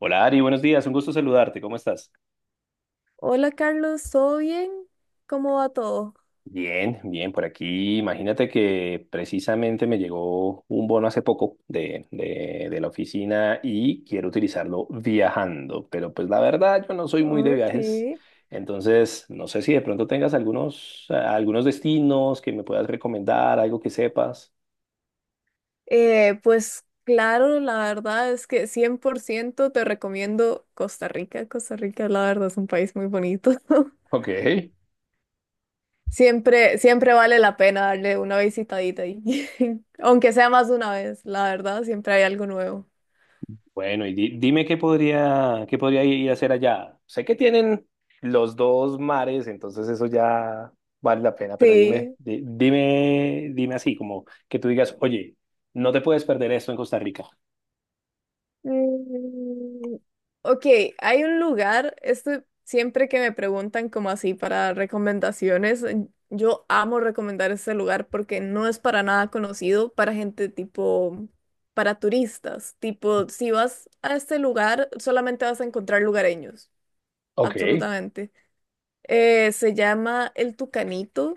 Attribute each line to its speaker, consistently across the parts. Speaker 1: Hola Ari, buenos días, un gusto saludarte, ¿cómo estás?
Speaker 2: Hola Carlos, ¿todo bien? ¿Cómo va todo?
Speaker 1: Bien, bien, por aquí. Imagínate que precisamente me llegó un bono hace poco de la oficina y quiero utilizarlo viajando, pero pues la verdad yo no soy muy de
Speaker 2: Ok.
Speaker 1: viajes, entonces no sé si de pronto tengas algunos destinos que me puedas recomendar, algo que sepas.
Speaker 2: Pues claro, la verdad es que 100% te recomiendo Costa Rica. Costa Rica, la verdad, es un país muy bonito.
Speaker 1: Ok.
Speaker 2: Siempre vale la pena darle una visitadita ahí. Aunque sea más de una vez, la verdad, siempre hay algo nuevo.
Speaker 1: Bueno, y dime qué podría ir a hacer allá. Sé que tienen los dos mares, entonces eso ya vale la pena, pero dime,
Speaker 2: Sí.
Speaker 1: di- dime, dime así, como que tú digas, oye, no te puedes perder esto en Costa Rica.
Speaker 2: Mm, ok, hay un lugar, esto siempre que me preguntan como así para recomendaciones, yo amo recomendar este lugar porque no es para nada conocido para gente tipo, para turistas, tipo, si vas a este lugar solamente vas a encontrar lugareños,
Speaker 1: Ok.
Speaker 2: absolutamente. Se llama El Tucanito,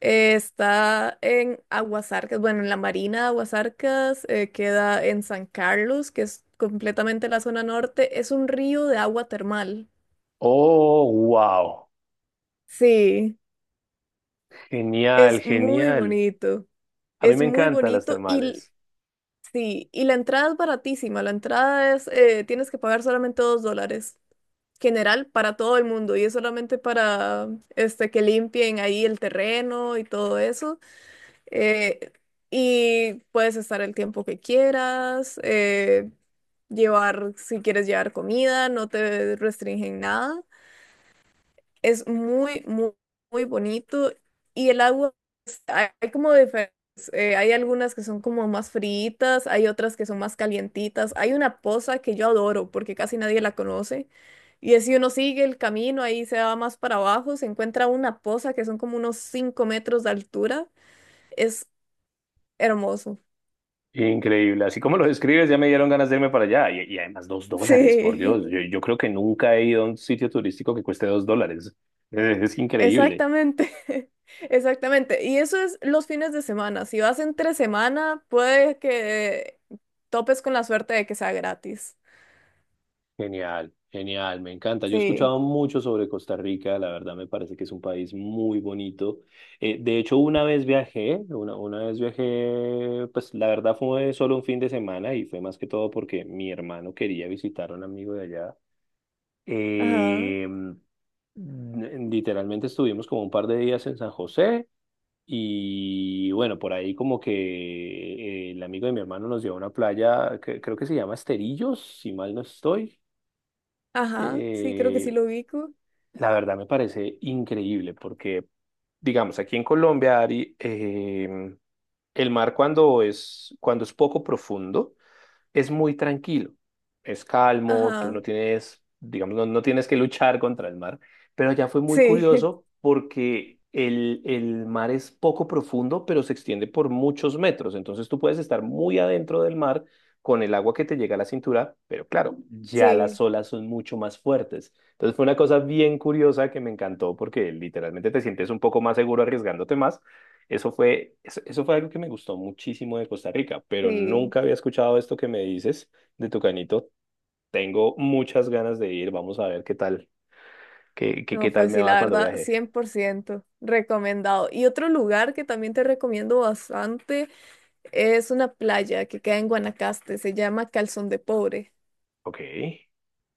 Speaker 2: está en Aguasarcas, bueno, en la Marina de Aguasarcas, queda en San Carlos, que es completamente la zona norte. Es un río de agua termal.
Speaker 1: Oh, wow.
Speaker 2: Sí,
Speaker 1: Genial,
Speaker 2: es muy
Speaker 1: genial.
Speaker 2: bonito.
Speaker 1: A mí
Speaker 2: Es
Speaker 1: me
Speaker 2: muy
Speaker 1: encantan las
Speaker 2: bonito y
Speaker 1: termales.
Speaker 2: sí, y la entrada es baratísima. La entrada es, tienes que pagar solamente $2. General para todo el mundo y es solamente para este que limpien ahí el terreno y todo eso. eh, y puedes estar el tiempo que quieras, llevar, si quieres llevar comida, no te restringen nada. Es muy bonito. Y el agua, hay como diferentes, hay algunas que son como más fríitas, hay otras que son más calientitas. Hay una poza que yo adoro porque casi nadie la conoce. Y es si uno sigue el camino, ahí se va más para abajo, se encuentra una poza que son como unos 5 metros de altura. Es hermoso.
Speaker 1: Increíble. Así como lo describes, ya me dieron ganas de irme para allá. Y además, $2, por
Speaker 2: Sí,
Speaker 1: Dios. Yo creo que nunca he ido a un sitio turístico que cueste $2. Es increíble.
Speaker 2: exactamente, exactamente. Y eso es los fines de semana. Si vas entre semana, puede que topes con la suerte de que sea gratis.
Speaker 1: Genial, genial, me encanta. Yo he
Speaker 2: Sí,
Speaker 1: escuchado mucho sobre Costa Rica, la verdad me parece que es un país muy bonito. De hecho, una vez viajé, pues la verdad fue solo un fin de semana y fue más que todo porque mi hermano quería visitar a un amigo de allá.
Speaker 2: ajá,
Speaker 1: Eh, n- Literalmente estuvimos como un par de días en San José y bueno, por ahí como que el amigo de mi hermano nos llevó a una playa, que, creo que se llama Esterillos, si mal no estoy.
Speaker 2: ajá, sí, creo que sí
Speaker 1: eh,
Speaker 2: lo ubico.
Speaker 1: la verdad me parece increíble porque, digamos, aquí en Colombia, Ari, el mar cuando es poco profundo, es muy tranquilo, es calmo, tú
Speaker 2: Ajá,
Speaker 1: no tienes, digamos, no tienes que luchar contra el mar, pero allá fue muy
Speaker 2: sí,
Speaker 1: curioso porque el mar es poco profundo, pero se extiende por muchos metros, entonces tú puedes estar muy adentro del mar con el agua que te llega a la cintura, pero claro, ya las
Speaker 2: sí,
Speaker 1: olas son mucho más fuertes. Entonces fue una cosa bien curiosa que me encantó porque literalmente te sientes un poco más seguro arriesgándote más, eso fue algo que me gustó muchísimo de Costa Rica, pero
Speaker 2: sí.
Speaker 1: nunca había escuchado esto que me dices de Tucanito. Tengo muchas ganas de ir, vamos a ver qué tal, qué
Speaker 2: No,
Speaker 1: tal
Speaker 2: pues
Speaker 1: me
Speaker 2: sí,
Speaker 1: va
Speaker 2: la
Speaker 1: cuando
Speaker 2: verdad,
Speaker 1: viaje.
Speaker 2: 100%, recomendado. Y otro lugar que también te recomiendo bastante es una playa que queda en Guanacaste, se llama Calzón de Pobre.
Speaker 1: Ok,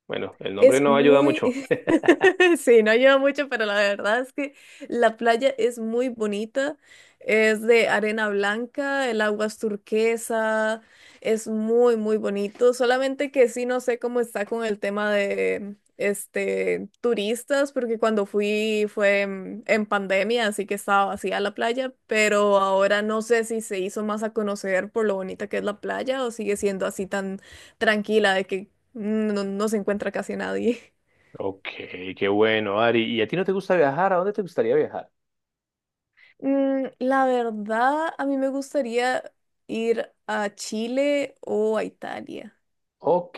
Speaker 1: bueno, el nombre
Speaker 2: Es
Speaker 1: no ayuda
Speaker 2: muy,
Speaker 1: mucho.
Speaker 2: sí, no lleva mucho, pero la verdad es que la playa es muy bonita, es de arena blanca, el agua es turquesa, es muy bonito, solamente que sí no sé cómo está con el tema de, este, turistas, porque cuando fui fue en pandemia, así que estaba vacía la playa, pero ahora no sé si se hizo más a conocer por lo bonita que es la playa o sigue siendo así tan tranquila de que no se encuentra casi nadie.
Speaker 1: Ok, qué bueno, Ari. ¿Y a ti no te gusta viajar? ¿A dónde te gustaría viajar?
Speaker 2: Mm, la verdad, a mí me gustaría ir a Chile o a Italia.
Speaker 1: Ok,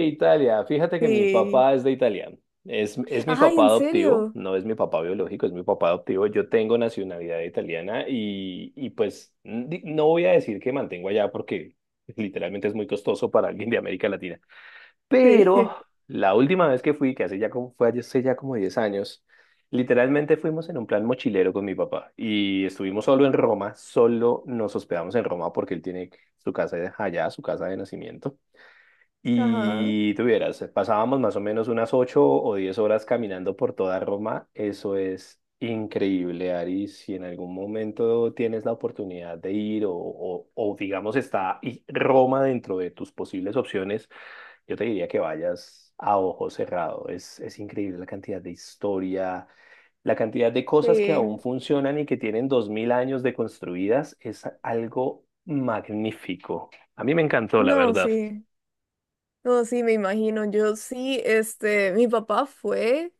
Speaker 1: Italia. Fíjate que mi
Speaker 2: Sí.
Speaker 1: papá es de Italia. Es mi
Speaker 2: Ay,
Speaker 1: papá
Speaker 2: ¿en
Speaker 1: adoptivo,
Speaker 2: serio?
Speaker 1: no es mi papá biológico, es mi papá adoptivo. Yo tengo nacionalidad italiana y, y pues no voy a decir que mantengo allá porque literalmente es muy costoso para alguien de América Latina.
Speaker 2: Sí.
Speaker 1: Pero la última vez que fui, que hace ya como, fue hace ya como 10 años, literalmente fuimos en un plan mochilero con mi papá y estuvimos solo en Roma, solo nos hospedamos en Roma porque él tiene su casa allá, su casa de nacimiento.
Speaker 2: Ajá.
Speaker 1: Y tuvieras, pasábamos más o menos unas 8 o 10 horas caminando por toda Roma. Eso es increíble, Ari. Si en algún momento tienes la oportunidad de ir o, digamos Roma dentro de tus posibles opciones, yo te diría que vayas a ojo cerrado. Es increíble la cantidad de historia, la cantidad de cosas que aún
Speaker 2: Sí.
Speaker 1: funcionan y que tienen 2000 años de construidas. Es algo magnífico. A mí me encantó, la
Speaker 2: No,
Speaker 1: verdad.
Speaker 2: sí. No, sí, me imagino. Yo sí, este, mi papá fue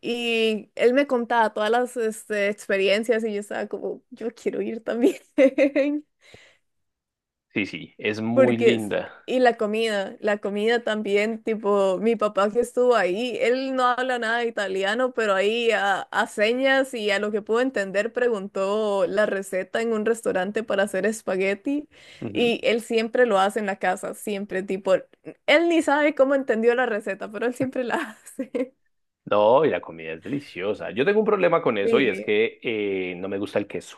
Speaker 2: y él me contaba todas las, este, experiencias y yo estaba como, yo quiero ir también.
Speaker 1: Sí, sí, es muy
Speaker 2: Porque, es-
Speaker 1: linda.
Speaker 2: y la comida también, tipo, mi papá que estuvo ahí, él no habla nada de italiano, pero ahí a señas y a lo que pudo entender preguntó la receta en un restaurante para hacer espagueti
Speaker 1: Ujú.
Speaker 2: y él siempre lo hace en la casa, siempre, tipo, él ni sabe cómo entendió la receta, pero él siempre la hace.
Speaker 1: No, y la comida es deliciosa. Yo tengo un problema con eso y es
Speaker 2: Sí.
Speaker 1: que no me gusta el queso.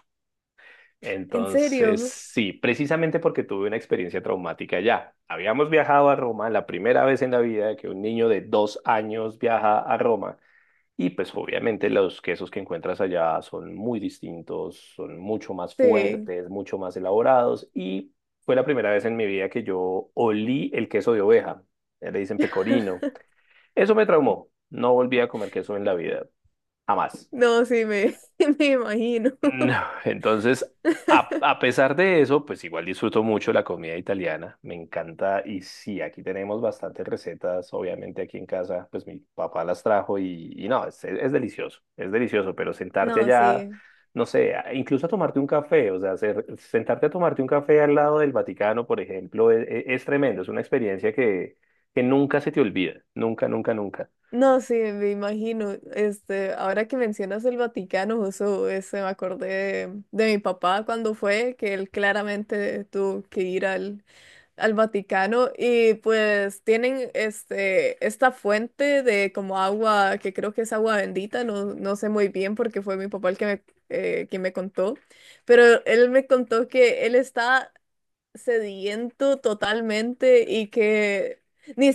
Speaker 2: ¿En
Speaker 1: Entonces,
Speaker 2: serio?
Speaker 1: sí, precisamente porque tuve una experiencia traumática allá. Habíamos viajado a Roma la primera vez en la vida que un niño de 2 años viaja a Roma y pues obviamente los quesos que encuentras allá son muy distintos, son mucho más
Speaker 2: Sí.
Speaker 1: fuertes, mucho más elaborados y fue la primera vez en mi vida que yo olí el queso de oveja. Le dicen pecorino. Eso me traumó. No volví a comer queso en la vida. Jamás.
Speaker 2: No, sí, me imagino.
Speaker 1: No. Entonces, a pesar de eso, pues igual disfruto mucho la comida italiana. Me encanta. Y sí, aquí tenemos bastantes recetas. Obviamente aquí en casa, pues mi papá las trajo y, no, es delicioso. Es delicioso, pero sentarte
Speaker 2: No,
Speaker 1: allá,
Speaker 2: sí.
Speaker 1: no sé, incluso a tomarte un café, o sea, sentarte a tomarte un café al lado del Vaticano, por ejemplo, es, es tremendo. Es una experiencia que nunca se te olvida. Nunca, nunca, nunca.
Speaker 2: No, sí, me imagino. Este, ahora que mencionas el Vaticano, justo este, me acordé de mi papá cuando fue, que él claramente tuvo que ir al Vaticano y pues tienen este, esta fuente de como agua, que creo que es agua bendita, no, no sé muy bien porque fue mi papá el que me, quien me contó, pero él me contó que él está sediento totalmente y que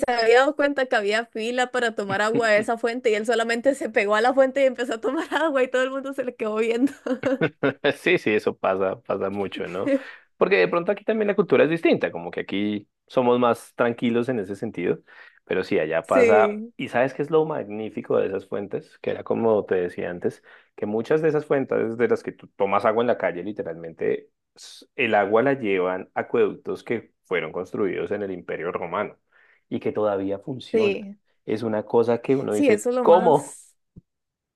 Speaker 2: había dado cuenta que había fila para tomar agua de esa fuente y él solamente se pegó a la fuente y empezó a tomar agua y todo el mundo se le quedó viendo.
Speaker 1: Sí, sí, eso pasa, pasa mucho, ¿no? Porque de pronto aquí también la cultura es distinta, como que aquí somos más tranquilos en ese sentido, pero sí, allá pasa,
Speaker 2: Sí,
Speaker 1: y ¿sabes qué es lo magnífico de esas fuentes? Que era como te decía antes, que muchas de esas fuentes de las que tú tomas agua en la calle, literalmente, el agua la llevan acueductos que fueron construidos en el Imperio Romano y que todavía funciona.
Speaker 2: sí,
Speaker 1: Es una cosa que uno
Speaker 2: sí,
Speaker 1: dice,
Speaker 2: eso es lo
Speaker 1: ¿cómo?
Speaker 2: más.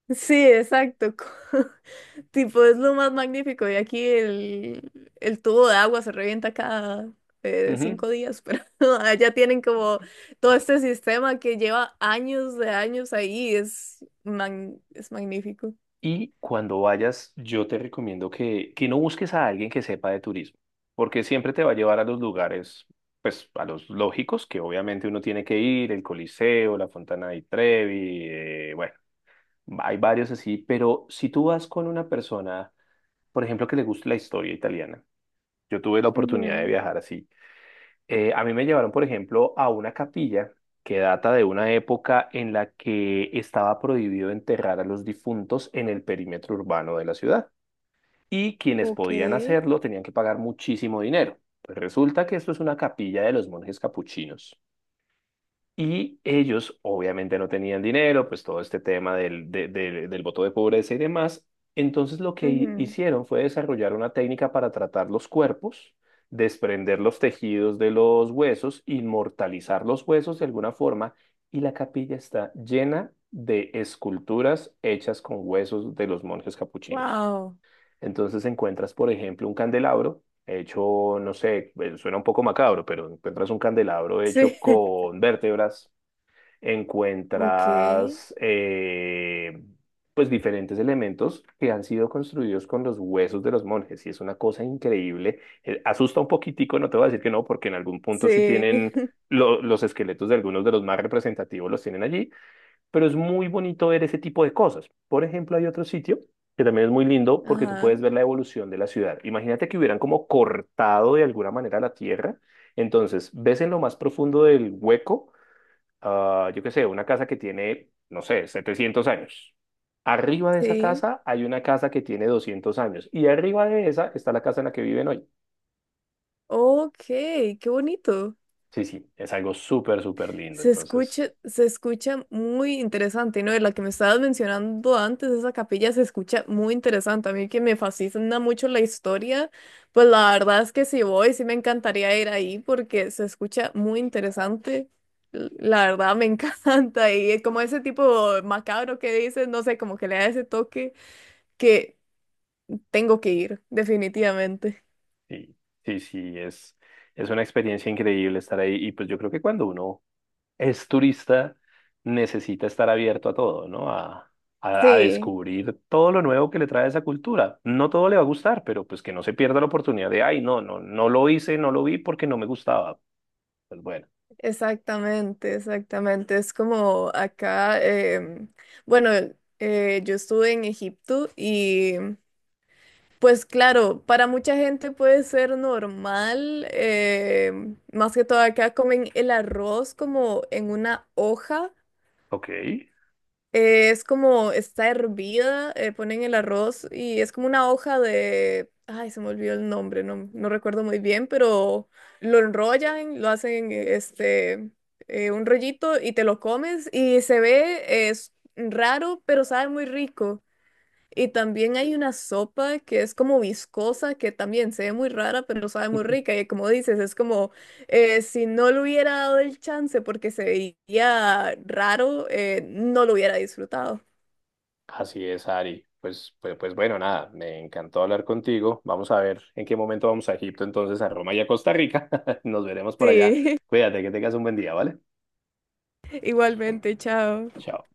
Speaker 2: Sí, exacto. Tipo, es lo más magnífico. Y aquí el tubo de agua se revienta cada 5 días, pero allá tienen como todo este sistema que lleva años de años ahí. Es, es magnífico.
Speaker 1: Y cuando vayas, yo te recomiendo que no busques a alguien que sepa de turismo, porque siempre te va a llevar a los lugares, pues a los lógicos, que obviamente uno tiene que ir, el Coliseo, la Fontana di Trevi, bueno, hay varios así, pero si tú vas con una persona, por ejemplo, que le guste la historia italiana, yo tuve la oportunidad de
Speaker 2: Ujú.
Speaker 1: viajar así, a mí me llevaron, por ejemplo, a una capilla que data de una época en la que estaba prohibido enterrar a los difuntos en el perímetro urbano de la ciudad y quienes
Speaker 2: Ok.
Speaker 1: podían hacerlo tenían que pagar muchísimo dinero. Pues resulta que esto es una capilla de los monjes capuchinos. Y ellos obviamente no tenían dinero, pues todo este tema del voto de pobreza y demás. Entonces lo que hicieron fue desarrollar una técnica para tratar los cuerpos, desprender los tejidos de los huesos, inmortalizar los huesos de alguna forma. Y la capilla está llena de esculturas hechas con huesos de los monjes capuchinos.
Speaker 2: Wow.
Speaker 1: Entonces encuentras, por ejemplo, un candelabro hecho, no sé, suena un poco macabro, pero encuentras un candelabro hecho
Speaker 2: Sí,
Speaker 1: con vértebras,
Speaker 2: ok,
Speaker 1: encuentras pues diferentes elementos que han sido construidos con los huesos de los monjes y es una cosa increíble. Asusta un poquitico, no te voy a decir que no, porque en algún punto sí
Speaker 2: sí,
Speaker 1: tienen los esqueletos de algunos de los más representativos los tienen allí, pero es muy bonito ver ese tipo de cosas. Por ejemplo, hay otro sitio que también es muy lindo porque tú
Speaker 2: ajá,
Speaker 1: puedes ver la evolución de la ciudad. Imagínate que hubieran como cortado de alguna manera la tierra. Entonces, ves en lo más profundo del hueco, ah, yo qué sé, una casa que tiene, no sé, 700 años. Arriba de esa
Speaker 2: sí,
Speaker 1: casa hay una casa que tiene 200 años y arriba de esa está la casa en la que viven hoy.
Speaker 2: ok, qué bonito.
Speaker 1: Sí, sí, es algo súper, súper lindo. Entonces,
Speaker 2: Se escucha muy interesante, ¿no? De la que me estabas mencionando antes, esa capilla se escucha muy interesante. A mí que me fascina mucho la historia, pues la verdad es que si voy, sí me encantaría ir ahí porque se escucha muy interesante. La verdad me encanta y como ese tipo macabro que dices, no sé, como que le da ese toque que tengo que ir, definitivamente.
Speaker 1: sí, sí, sí, es una experiencia increíble estar ahí y pues yo creo que cuando uno es turista, necesita estar abierto a todo, ¿no? A
Speaker 2: Sí,
Speaker 1: descubrir todo lo nuevo que le trae esa cultura. No todo le va a gustar, pero pues que no se pierda la oportunidad de, ay, no, no, no lo hice, no lo vi porque no me gustaba. Pues bueno,
Speaker 2: exactamente, exactamente. Es como acá, em, bueno, yo estuve en Egipto y pues claro, para mucha gente puede ser normal, más que todo acá comen el arroz como en una hoja.
Speaker 1: ok.
Speaker 2: Es como, está hervida, ponen el arroz y es como una hoja de, ay, se me olvidó el nombre, no, no recuerdo muy bien, pero lo enrollan, lo hacen este, un rollito y te lo comes y se ve, es raro, pero sabe muy rico. Y también hay una sopa que es como viscosa, que también se ve muy rara, pero sabe muy rica. Y como dices, es como si no le hubiera dado el chance porque se veía raro, no lo hubiera disfrutado.
Speaker 1: Así es, Ari. Pues bueno, nada, me encantó hablar contigo. Vamos a ver en qué momento vamos a Egipto, entonces a Roma y a Costa Rica. Nos veremos por allá.
Speaker 2: Sí,
Speaker 1: Cuídate, que tengas un buen día, ¿vale?
Speaker 2: igualmente, chao.
Speaker 1: Chao.